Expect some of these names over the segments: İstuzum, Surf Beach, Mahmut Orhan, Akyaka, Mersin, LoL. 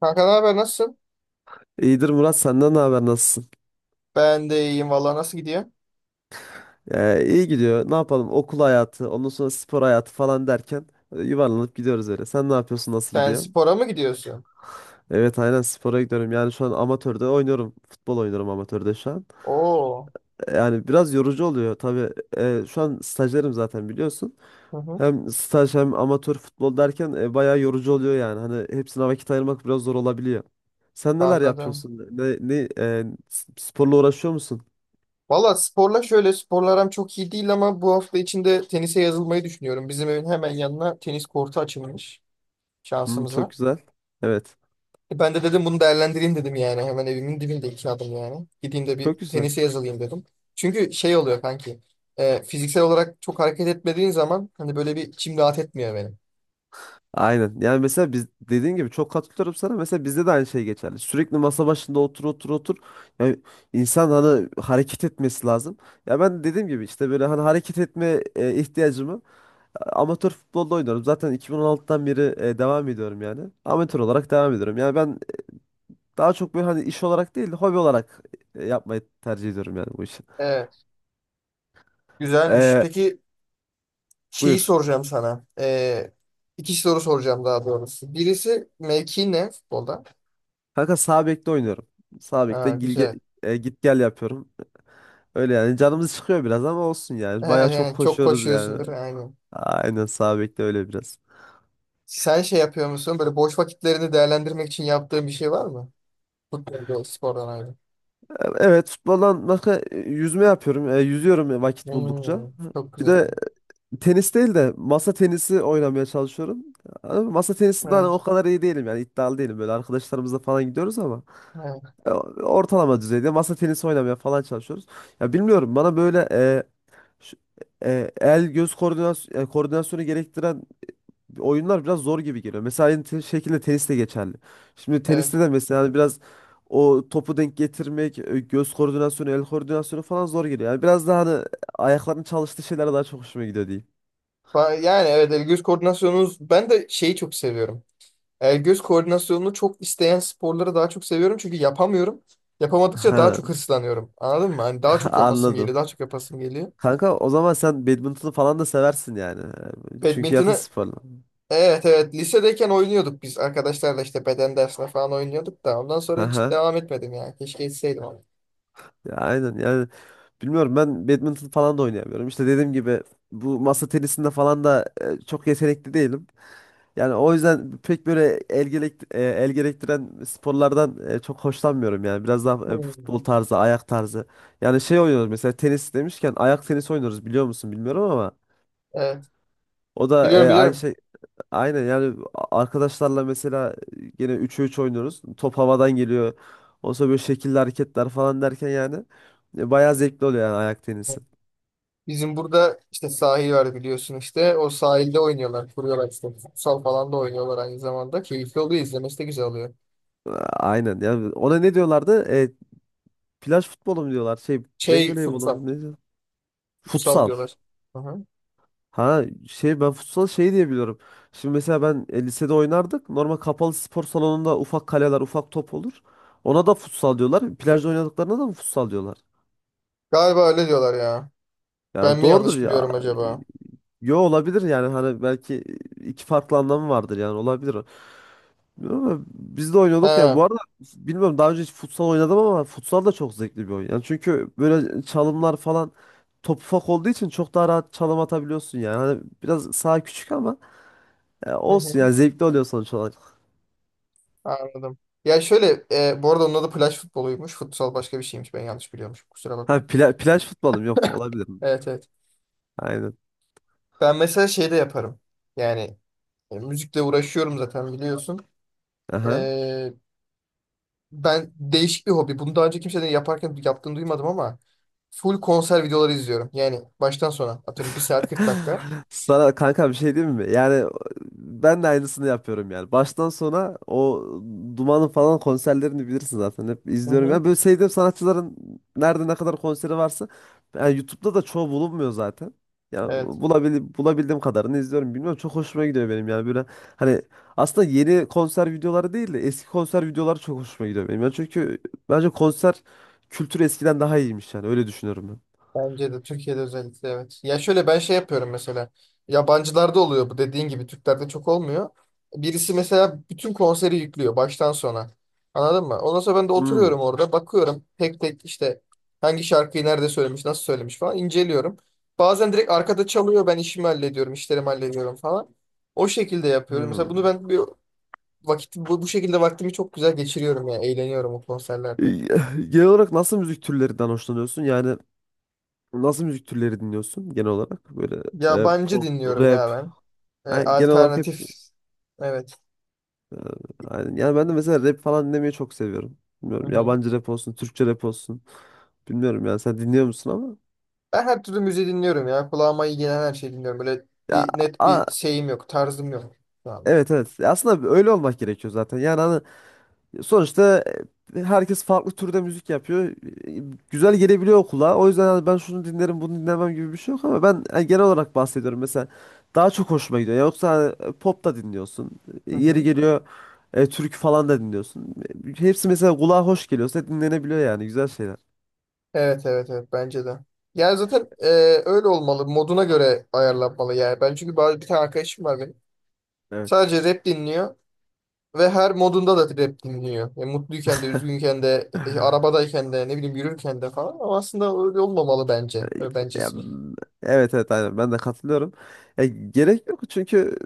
Kanka ne haber nasılsın? İyidir Murat, senden ne haber, nasılsın? Ben de iyiyim valla nasıl gidiyor? İyi gidiyor. Ne yapalım? Okul hayatı, ondan sonra spor hayatı falan derken yuvarlanıp gidiyoruz öyle. Sen ne yapıyorsun? Nasıl Sen gidiyor? spora mı gidiyorsun? Evet, aynen, spora gidiyorum. Yani şu an amatörde oynuyorum. Futbol oynuyorum amatörde şu an. Oo. Yani biraz yorucu oluyor tabii. Şu an stajyerim zaten, biliyorsun. Hı hı. Hem staj hem amatör futbol derken bayağı yorucu oluyor yani. Hani hepsine vakit ayırmak biraz zor olabiliyor. Sen neler Anladım. yapıyorsun? Sporla uğraşıyor musun? Valla sporla şöyle sporlarım çok iyi değil ama bu hafta içinde tenise yazılmayı düşünüyorum. Bizim evin hemen yanına tenis kortu açılmış Hmm, çok şansımıza. güzel. Evet. Ben de dedim bunu değerlendireyim dedim yani. Hemen evimin dibinde iki adım yani. Gideyim de bir Çok güzel. tenise yazılayım dedim. Çünkü şey oluyor kanki. Fiziksel olarak çok hareket etmediğin zaman hani böyle bir içim rahat etmiyor benim. Aynen. Yani mesela biz, dediğin gibi, çok katılıyorum sana. Mesela bizde de aynı şey geçerli. Sürekli masa başında otur otur otur. Yani insan hani hareket etmesi lazım. Ya ben dediğim gibi işte böyle hani hareket etme ihtiyacımı amatör futbolda oynuyorum. Zaten 2016'dan beri devam ediyorum yani. Amatör olarak devam ediyorum. Yani ben daha çok böyle hani iş olarak değil, hobi olarak yapmayı tercih ediyorum yani bu işi. Evet. Güzelmiş. E, Peki, şeyi Buyur. soracağım sana. İki soru soracağım daha doğrusu. Birisi mevki ne futbolda? Kanka sağ bekte oynuyorum. Sağ bekte Ha, güzel. Git gel yapıyorum. Öyle yani, canımız çıkıyor biraz ama olsun Ha, yani. Bayağı çok yani çok koşuyoruz yani. koşuyorsundur. Aynen. Aynen, sağ bekle öyle biraz. Sen şey yapıyor musun? Böyle boş vakitlerini değerlendirmek için yaptığın bir şey var mı? Futbolda, spordan ayrı. Evet, futboldan başka yüzme yapıyorum. Yüzüyorum vakit buldukça. Hmm, çok Bir güzel. de tenis değil de masa tenisi oynamaya çalışıyorum. Ama masa tenisinde hani o Evet, kadar iyi değilim yani, iddialı değilim. Böyle arkadaşlarımızla falan gidiyoruz ama evet, e, ortalama düzeyde masa tenisi oynamaya falan çalışıyoruz. Ya bilmiyorum, bana böyle şu- el göz koordinasyonu gerektiren oyunlar biraz zor gibi geliyor. Mesela aynı şekilde tenis de geçerli. Şimdi evet. teniste de mesela hani biraz o topu denk getirmek, göz koordinasyonu, el koordinasyonu falan zor geliyor. Yani biraz daha hani ayakların çalıştığı şeyler daha çok hoşuma gidiyor diyeyim. Yani evet, el göz koordinasyonunuz, ben de şeyi çok seviyorum. El göz koordinasyonunu çok isteyen sporları daha çok seviyorum çünkü yapamıyorum. Yapamadıkça daha Ha, çok hırslanıyorum. Anladın mı? Hani daha çok yapasım geliyor, anladım. daha çok yapasım geliyor. Kanka, o zaman sen badminton'u falan da seversin yani. Çünkü yakın Badminton'ı, sporla. evet, evet, lisedeyken oynuyorduk biz arkadaşlarla işte beden dersine falan oynuyorduk da ondan sonra Haha. hiç devam etmedim ya. Keşke etseydim ama. Ya aynen yani, bilmiyorum, ben badminton falan da oynayamıyorum. İşte dediğim gibi bu masa tenisinde falan da çok yetenekli değilim. Yani o yüzden pek böyle el gerektiren sporlardan çok hoşlanmıyorum yani. Biraz daha futbol Hmm. tarzı, ayak tarzı. Yani şey oynuyoruz mesela, tenis demişken ayak tenisi oynuyoruz, biliyor musun bilmiyorum ama Evet, o da biliyorum, aynı biliyorum. şey, aynen yani, arkadaşlarla mesela yine 3'e 3 oynuyoruz. Top havadan geliyor. Ondan sonra böyle şekilli hareketler falan derken yani bayağı zevkli oluyor yani ayak tenisi. Bizim burada işte sahil var biliyorsun işte. O sahilde oynuyorlar, kuruyorlar işte. Futsal falan da oynuyorlar aynı zamanda. Keyifli oluyor, izlemesi de güzel oluyor. A- Aynen yani, ona ne diyorlardı? Plaj futbolu mu diyorlar? Şey, plaj Şey voleybolu futsal, mu ne diyor? futsal Futsal. diyorlar. Hı hı. Ha, şey, ben futsal şey diye biliyorum. Şimdi mesela ben lisede oynardık. Normal kapalı spor salonunda ufak kaleler, ufak top olur. Ona da futsal diyorlar. Plajda oynadıklarına da mı futsal diyorlar? Galiba öyle diyorlar ya. Ben Yani mi doğrudur yanlış ya. biliyorum acaba? Yo, olabilir yani, hani belki iki farklı anlamı vardır yani, olabilir o. Bilmiyorum ama biz de oynuyorduk yani, bu He. arada bilmiyorum, daha önce hiç futsal oynadım ama futsal da çok zevkli bir oyun. Yani çünkü böyle çalımlar falan, top ufak olduğu için çok daha rahat çalım atabiliyorsun yani. Hani biraz saha küçük ama ya Hı hı. olsun ya, zevkli oluyor sonuç olarak. Anladım. Ya şöyle, bu arada onun adı plaj futboluymuş. Futsal başka bir şeymiş. Ben yanlış biliyormuşum. Kusura Ha, bakma. Plaj futbolu mu? Yok, olabilir mi? Evet, evet. Aynen. Ben mesela şey de yaparım. Yani müzikle uğraşıyorum zaten biliyorsun. Aha. E, Ben değişik bir hobi. Bunu daha önce kimsenin yaparken yaptığını duymadım ama full konser videoları izliyorum. Yani baştan sona atıyorum bir saat 40 dakika. Sana kanka bir şey diyeyim mi? Yani ben de aynısını yapıyorum yani. Baştan sona o Duman'ın falan konserlerini bilirsin zaten. Hep Hı izliyorum. hı. Yani böyle sevdiğim sanatçıların nerede ne kadar konseri varsa, yani YouTube'da da çoğu bulunmuyor zaten. Ya Evet. Bulabildiğim kadarını izliyorum. Bilmiyorum, çok hoşuma gidiyor benim yani, böyle hani aslında yeni konser videoları değil de eski konser videoları çok hoşuma gidiyor benim. Yani çünkü bence konser kültürü eskiden daha iyiymiş yani, öyle düşünüyorum ben. Bence de Türkiye'de özellikle, evet. Ya şöyle ben şey yapıyorum mesela. Yabancılarda oluyor bu dediğin gibi. Türklerde çok olmuyor. Birisi mesela bütün konseri yüklüyor baştan sona. Anladın mı? Ondan sonra ben de Hmm. oturuyorum orada bakıyorum. Tek tek işte hangi şarkıyı nerede söylemiş, nasıl söylemiş falan inceliyorum. Bazen direkt arkada çalıyor, ben işimi hallediyorum, işlerimi hallediyorum falan. O şekilde yapıyorum. Mesela bunu Hmm. ben bir vakit bu şekilde vaktimi çok güzel geçiriyorum ya. Eğleniyorum o E, konserlerde. Genel olarak nasıl müzik türlerinden hoşlanıyorsun? Yani nasıl müzik türleri dinliyorsun genel olarak? Böyle Yabancı pop, dinliyorum ya rap. ben. E, Yani genel olarak hep alternatif. Evet. yani, yani ben de mesela rap falan dinlemeyi çok seviyorum. Hı Bilmiyorum, hı. yabancı rap olsun, Türkçe rap olsun. Bilmiyorum yani, sen dinliyor musun ama Ben her türlü müziği dinliyorum ya. Kulağıma iyi gelen her şeyi dinliyorum. Böyle ya bir net a- bir şeyim yok. Tarzım yok şu anda. evet, evet. Ya aslında öyle olmak gerekiyor zaten. Yani hani sonuçta herkes farklı türde müzik yapıyor. Güzel gelebiliyor kulağa. O yüzden hani ben şunu dinlerim, bunu dinlemem gibi bir şey yok ama ben genel olarak bahsediyorum. Mesela daha çok hoşuma gidiyor. Yoksa hani, pop da dinliyorsun. Hı Yeri hı. geliyor türkü falan da dinliyorsun. Hepsi mesela kulağa hoş geliyorsa dinlenebiliyor yani, güzel şeyler. Evet, evet, evet, bence de. Yani zaten öyle olmalı. Moduna göre ayarlanmalı yani. Ben çünkü bazı bir tane arkadaşım var benim. Evet. Sadece rap dinliyor ve her modunda da rap dinliyor. Yani mutluyken de, üzgünken de, arabadayken de, ne bileyim yürürken de falan. Ama aslında öyle olmamalı bence. Öyle Ya, bencesi. Evet, evet, aynen, ben de katılıyorum. Ya, gerek yok çünkü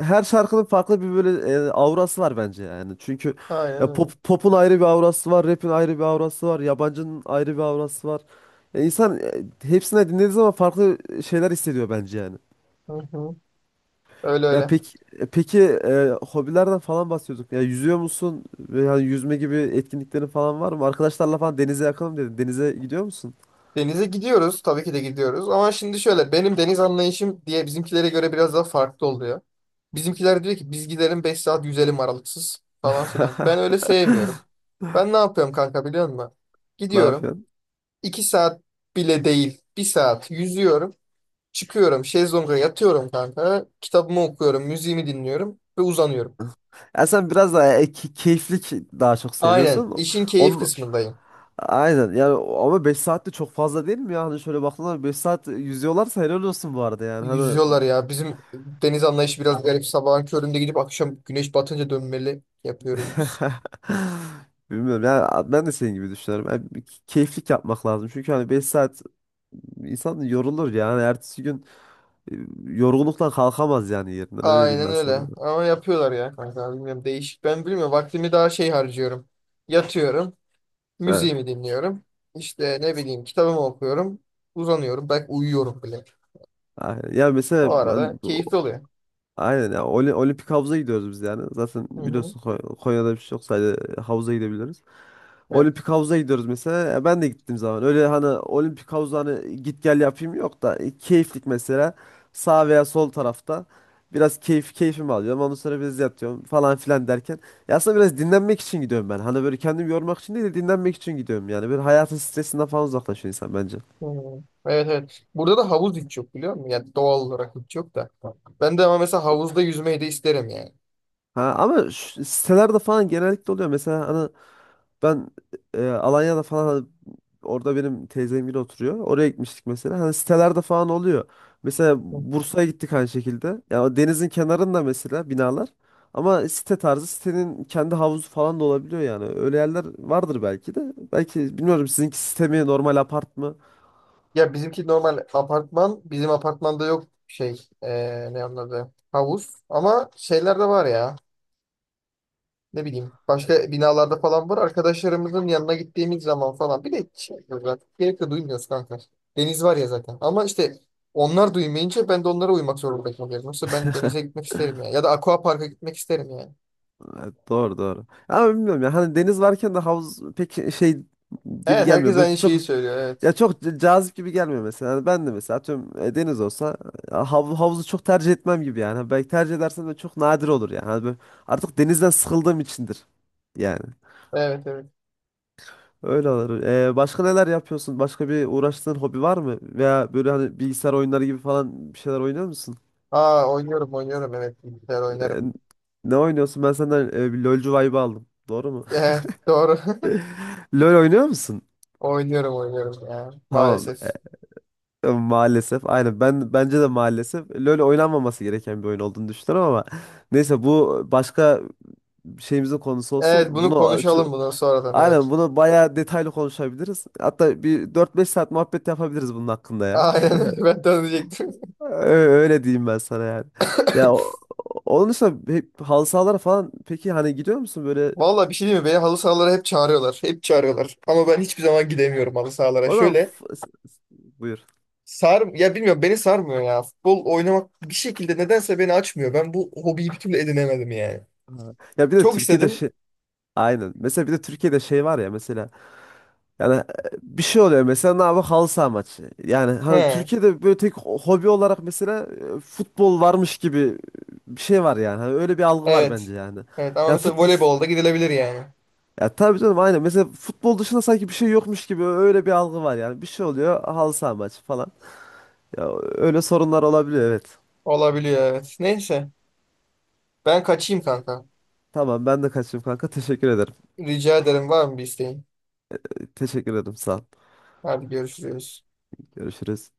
her şarkının farklı bir böyle aurası var bence yani. Çünkü Aynen ya öyle. Pop'un ayrı bir aurası var, rap'in ayrı bir aurası var, yabancının ayrı bir aurası var. Ya insan hepsine dinlediği zaman farklı şeyler hissediyor bence yani. Hı hı. Öyle Ya öyle. peki, peki hobilerden falan bahsediyorduk. Ya yüzüyor musun? Veya yüzme gibi etkinliklerin falan var mı? Arkadaşlarla falan denize yakınım dedin. Denize gidiyor musun? Denize gidiyoruz. Tabii ki de gidiyoruz. Ama şimdi şöyle, benim deniz anlayışım diye, bizimkilere göre biraz daha farklı oluyor. Bizimkiler diyor ki biz gidelim 5 saat yüzelim aralıksız falan filan. Ben öyle sevmiyorum. Ben ne yapıyorum kanka biliyor musun? Ne Gidiyorum. yapıyorsun? 2 saat bile değil. Bir saat yüzüyorum. Çıkıyorum. Şezlonga yatıyorum kanka. Kitabımı okuyorum. Müziğimi dinliyorum. Ve uzanıyorum. Ya sen biraz daha keyiflik daha çok Aynen. seviyorsun. işin keyif Onun, kısmındayım. aynen yani, ama 5 saat de çok fazla değil mi ya? Hani şöyle baktığında 5 saat yüzüyorlarsa helal olsun bu arada yani. Hani Yüzüyorlar ya. Bizim deniz anlayışı biraz garip. Sabahın köründe gidip akşam güneş batınca dönmeli yapıyoruz biz. bilmiyorum yani, ben de senin gibi düşünüyorum. Yani bir keyiflik yapmak lazım. Çünkü hani 5 saat insan yorulur yani. Ertesi gün e, yorgunlukla kalkamaz yani yerinden, öyle diyeyim Aynen ben öyle. sana. Ama yapıyorlar ya kanka. Bilmiyorum, değişik. Ben bilmiyorum. Vaktimi daha şey harcıyorum. Yatıyorum. Evet. Müziğimi dinliyorum. İşte ne bileyim kitabımı okuyorum. Uzanıyorum. Belki uyuyorum bile. Aynen. Ya O mesela arada ben keyifli oluyor. aynen ya, olimpik havuza gidiyoruz biz yani. Zaten Hı hı. biliyorsun Konya'da bir şey yok, sadece havuza gidebiliriz. Evet. Olimpik havuza gidiyoruz mesela. Ya ben de gittiğim zaman öyle hani olimpik havuza hani git gel yapayım yok da keyiflik mesela sağ veya sol tarafta biraz keyfimi alıyorum. Ondan sonra biraz yatıyorum falan filan derken. Ya aslında biraz dinlenmek için gidiyorum ben. Hani böyle kendimi yormak için değil de dinlenmek için gidiyorum yani. Böyle hayatın stresinden falan uzaklaşıyor insan bence. Hı. Evet, evet. Burada da havuz hiç yok biliyor musun? Yani doğal olarak hiç yok da. Ben de ama mesela havuzda yüzmeyi de isterim yani. Ha, ama şu sitelerde falan genellikle oluyor. Mesela hani ben Alanya'da falan, orada benim teyzemgil oturuyor. Oraya gitmiştik mesela. Hani sitelerde falan oluyor. Mesela Hı. Bursa'ya gittik aynı şekilde. Ya o denizin kenarında mesela binalar. Ama site tarzı, sitenin kendi havuzu falan da olabiliyor yani. Öyle yerler vardır belki de. Belki bilmiyorum, sizinki site mi normal apart mı? Ya bizimki normal apartman. Bizim apartmanda yok şey. Ne anladı? Havuz. Ama şeyler de var ya. Ne bileyim başka binalarda falan var. Arkadaşlarımızın yanına gittiğimiz zaman falan. Bir de şey yapıyoruz artık. Gerek de duymuyoruz kanka. Deniz var ya zaten. Ama işte onlar duymayınca ben de onlara uymak zorunda kalıyorum. Yoksa ben denize gitmek isterim yani. Ya da aqua parka gitmek isterim yani. Doğru, doğru. Ama bilmiyorum ya, hani deniz varken de havuz pek şey gibi Evet, gelmiyor. herkes Böyle aynı çok, şeyi söylüyor. Evet. ya çok cazip gibi gelmiyor mesela. Yani ben de mesela tüm deniz olsa ya havuzu çok tercih etmem gibi yani. Ha, belki tercih edersem de çok nadir olur yani. Hani böyle artık denizden sıkıldığım içindir. Yani Evet, evet. öyle olur. Başka neler yapıyorsun? Başka bir uğraştığın hobi var mı? Veya böyle hani bilgisayar oyunları gibi falan bir şeyler oynuyor musun? Aa, oynuyorum, oynuyorum. Evet, bilgisayar oynarım. Ee, Ne oynuyorsun? Ben senden bir LoL'cu vibe aldım. Doğru mu? Evet, doğru. LoL oynuyor musun? Oynuyorum, oynuyorum ya. Tamam. Maalesef. Ya maalesef. Aynen. Ben bence de maalesef LoL oynanmaması gereken bir oyun olduğunu düşünüyorum ama neyse, bu başka şeyimizin konusu olsun. Evet, bunu Bunu şu konuşalım, bunu sonradan, Aynen, evet. bunu bayağı detaylı konuşabiliriz. Hatta bir 4-5 saat muhabbet yapabiliriz bunun hakkında ya. Aynen öyle, ben de onu diyecektim. Öyle diyeyim ben sana yani. Ya onun dışında hep halı sahalara falan peki hani gidiyor musun böyle? Valla bir şey değil mi? Beni halı sahalara hep çağırıyorlar. Hep çağırıyorlar. Ama ben hiçbir zaman gidemiyorum halı sahalara. O zaman Şöyle buyur. sar ya, bilmiyorum, beni sarmıyor ya. Futbol oynamak bir şekilde nedense beni açmıyor. Ben bu hobiyi bir türlü edinemedim yani. Ha. Ya bir de Çok Türkiye'de istedim. şey, aynen. Mesela bir de Türkiye'de şey var ya, mesela yani bir şey oluyor mesela, ne yapıyor, halı saha maçı. Yani hani He, Türkiye'de böyle tek hobi olarak mesela futbol varmış gibi bir şey var yani. Hani öyle bir algı var evet. bence yani. Evet ama Ya mesela futbol voleybolda gidilebilir yani. Ya tabii canım, aynen. Mesela futbol dışında sanki bir şey yokmuş gibi öyle bir algı var yani. Bir şey oluyor, halı saha maçı falan. Ya öyle sorunlar olabiliyor, evet. Olabiliyor, evet. Neyse. Ben kaçayım kanka. Tamam, ben de kaçayım kanka. Teşekkür ederim. Rica ederim, var mı bir isteğin? Teşekkür ederim, sağ ol. Hadi görüşürüz. Görüşürüz.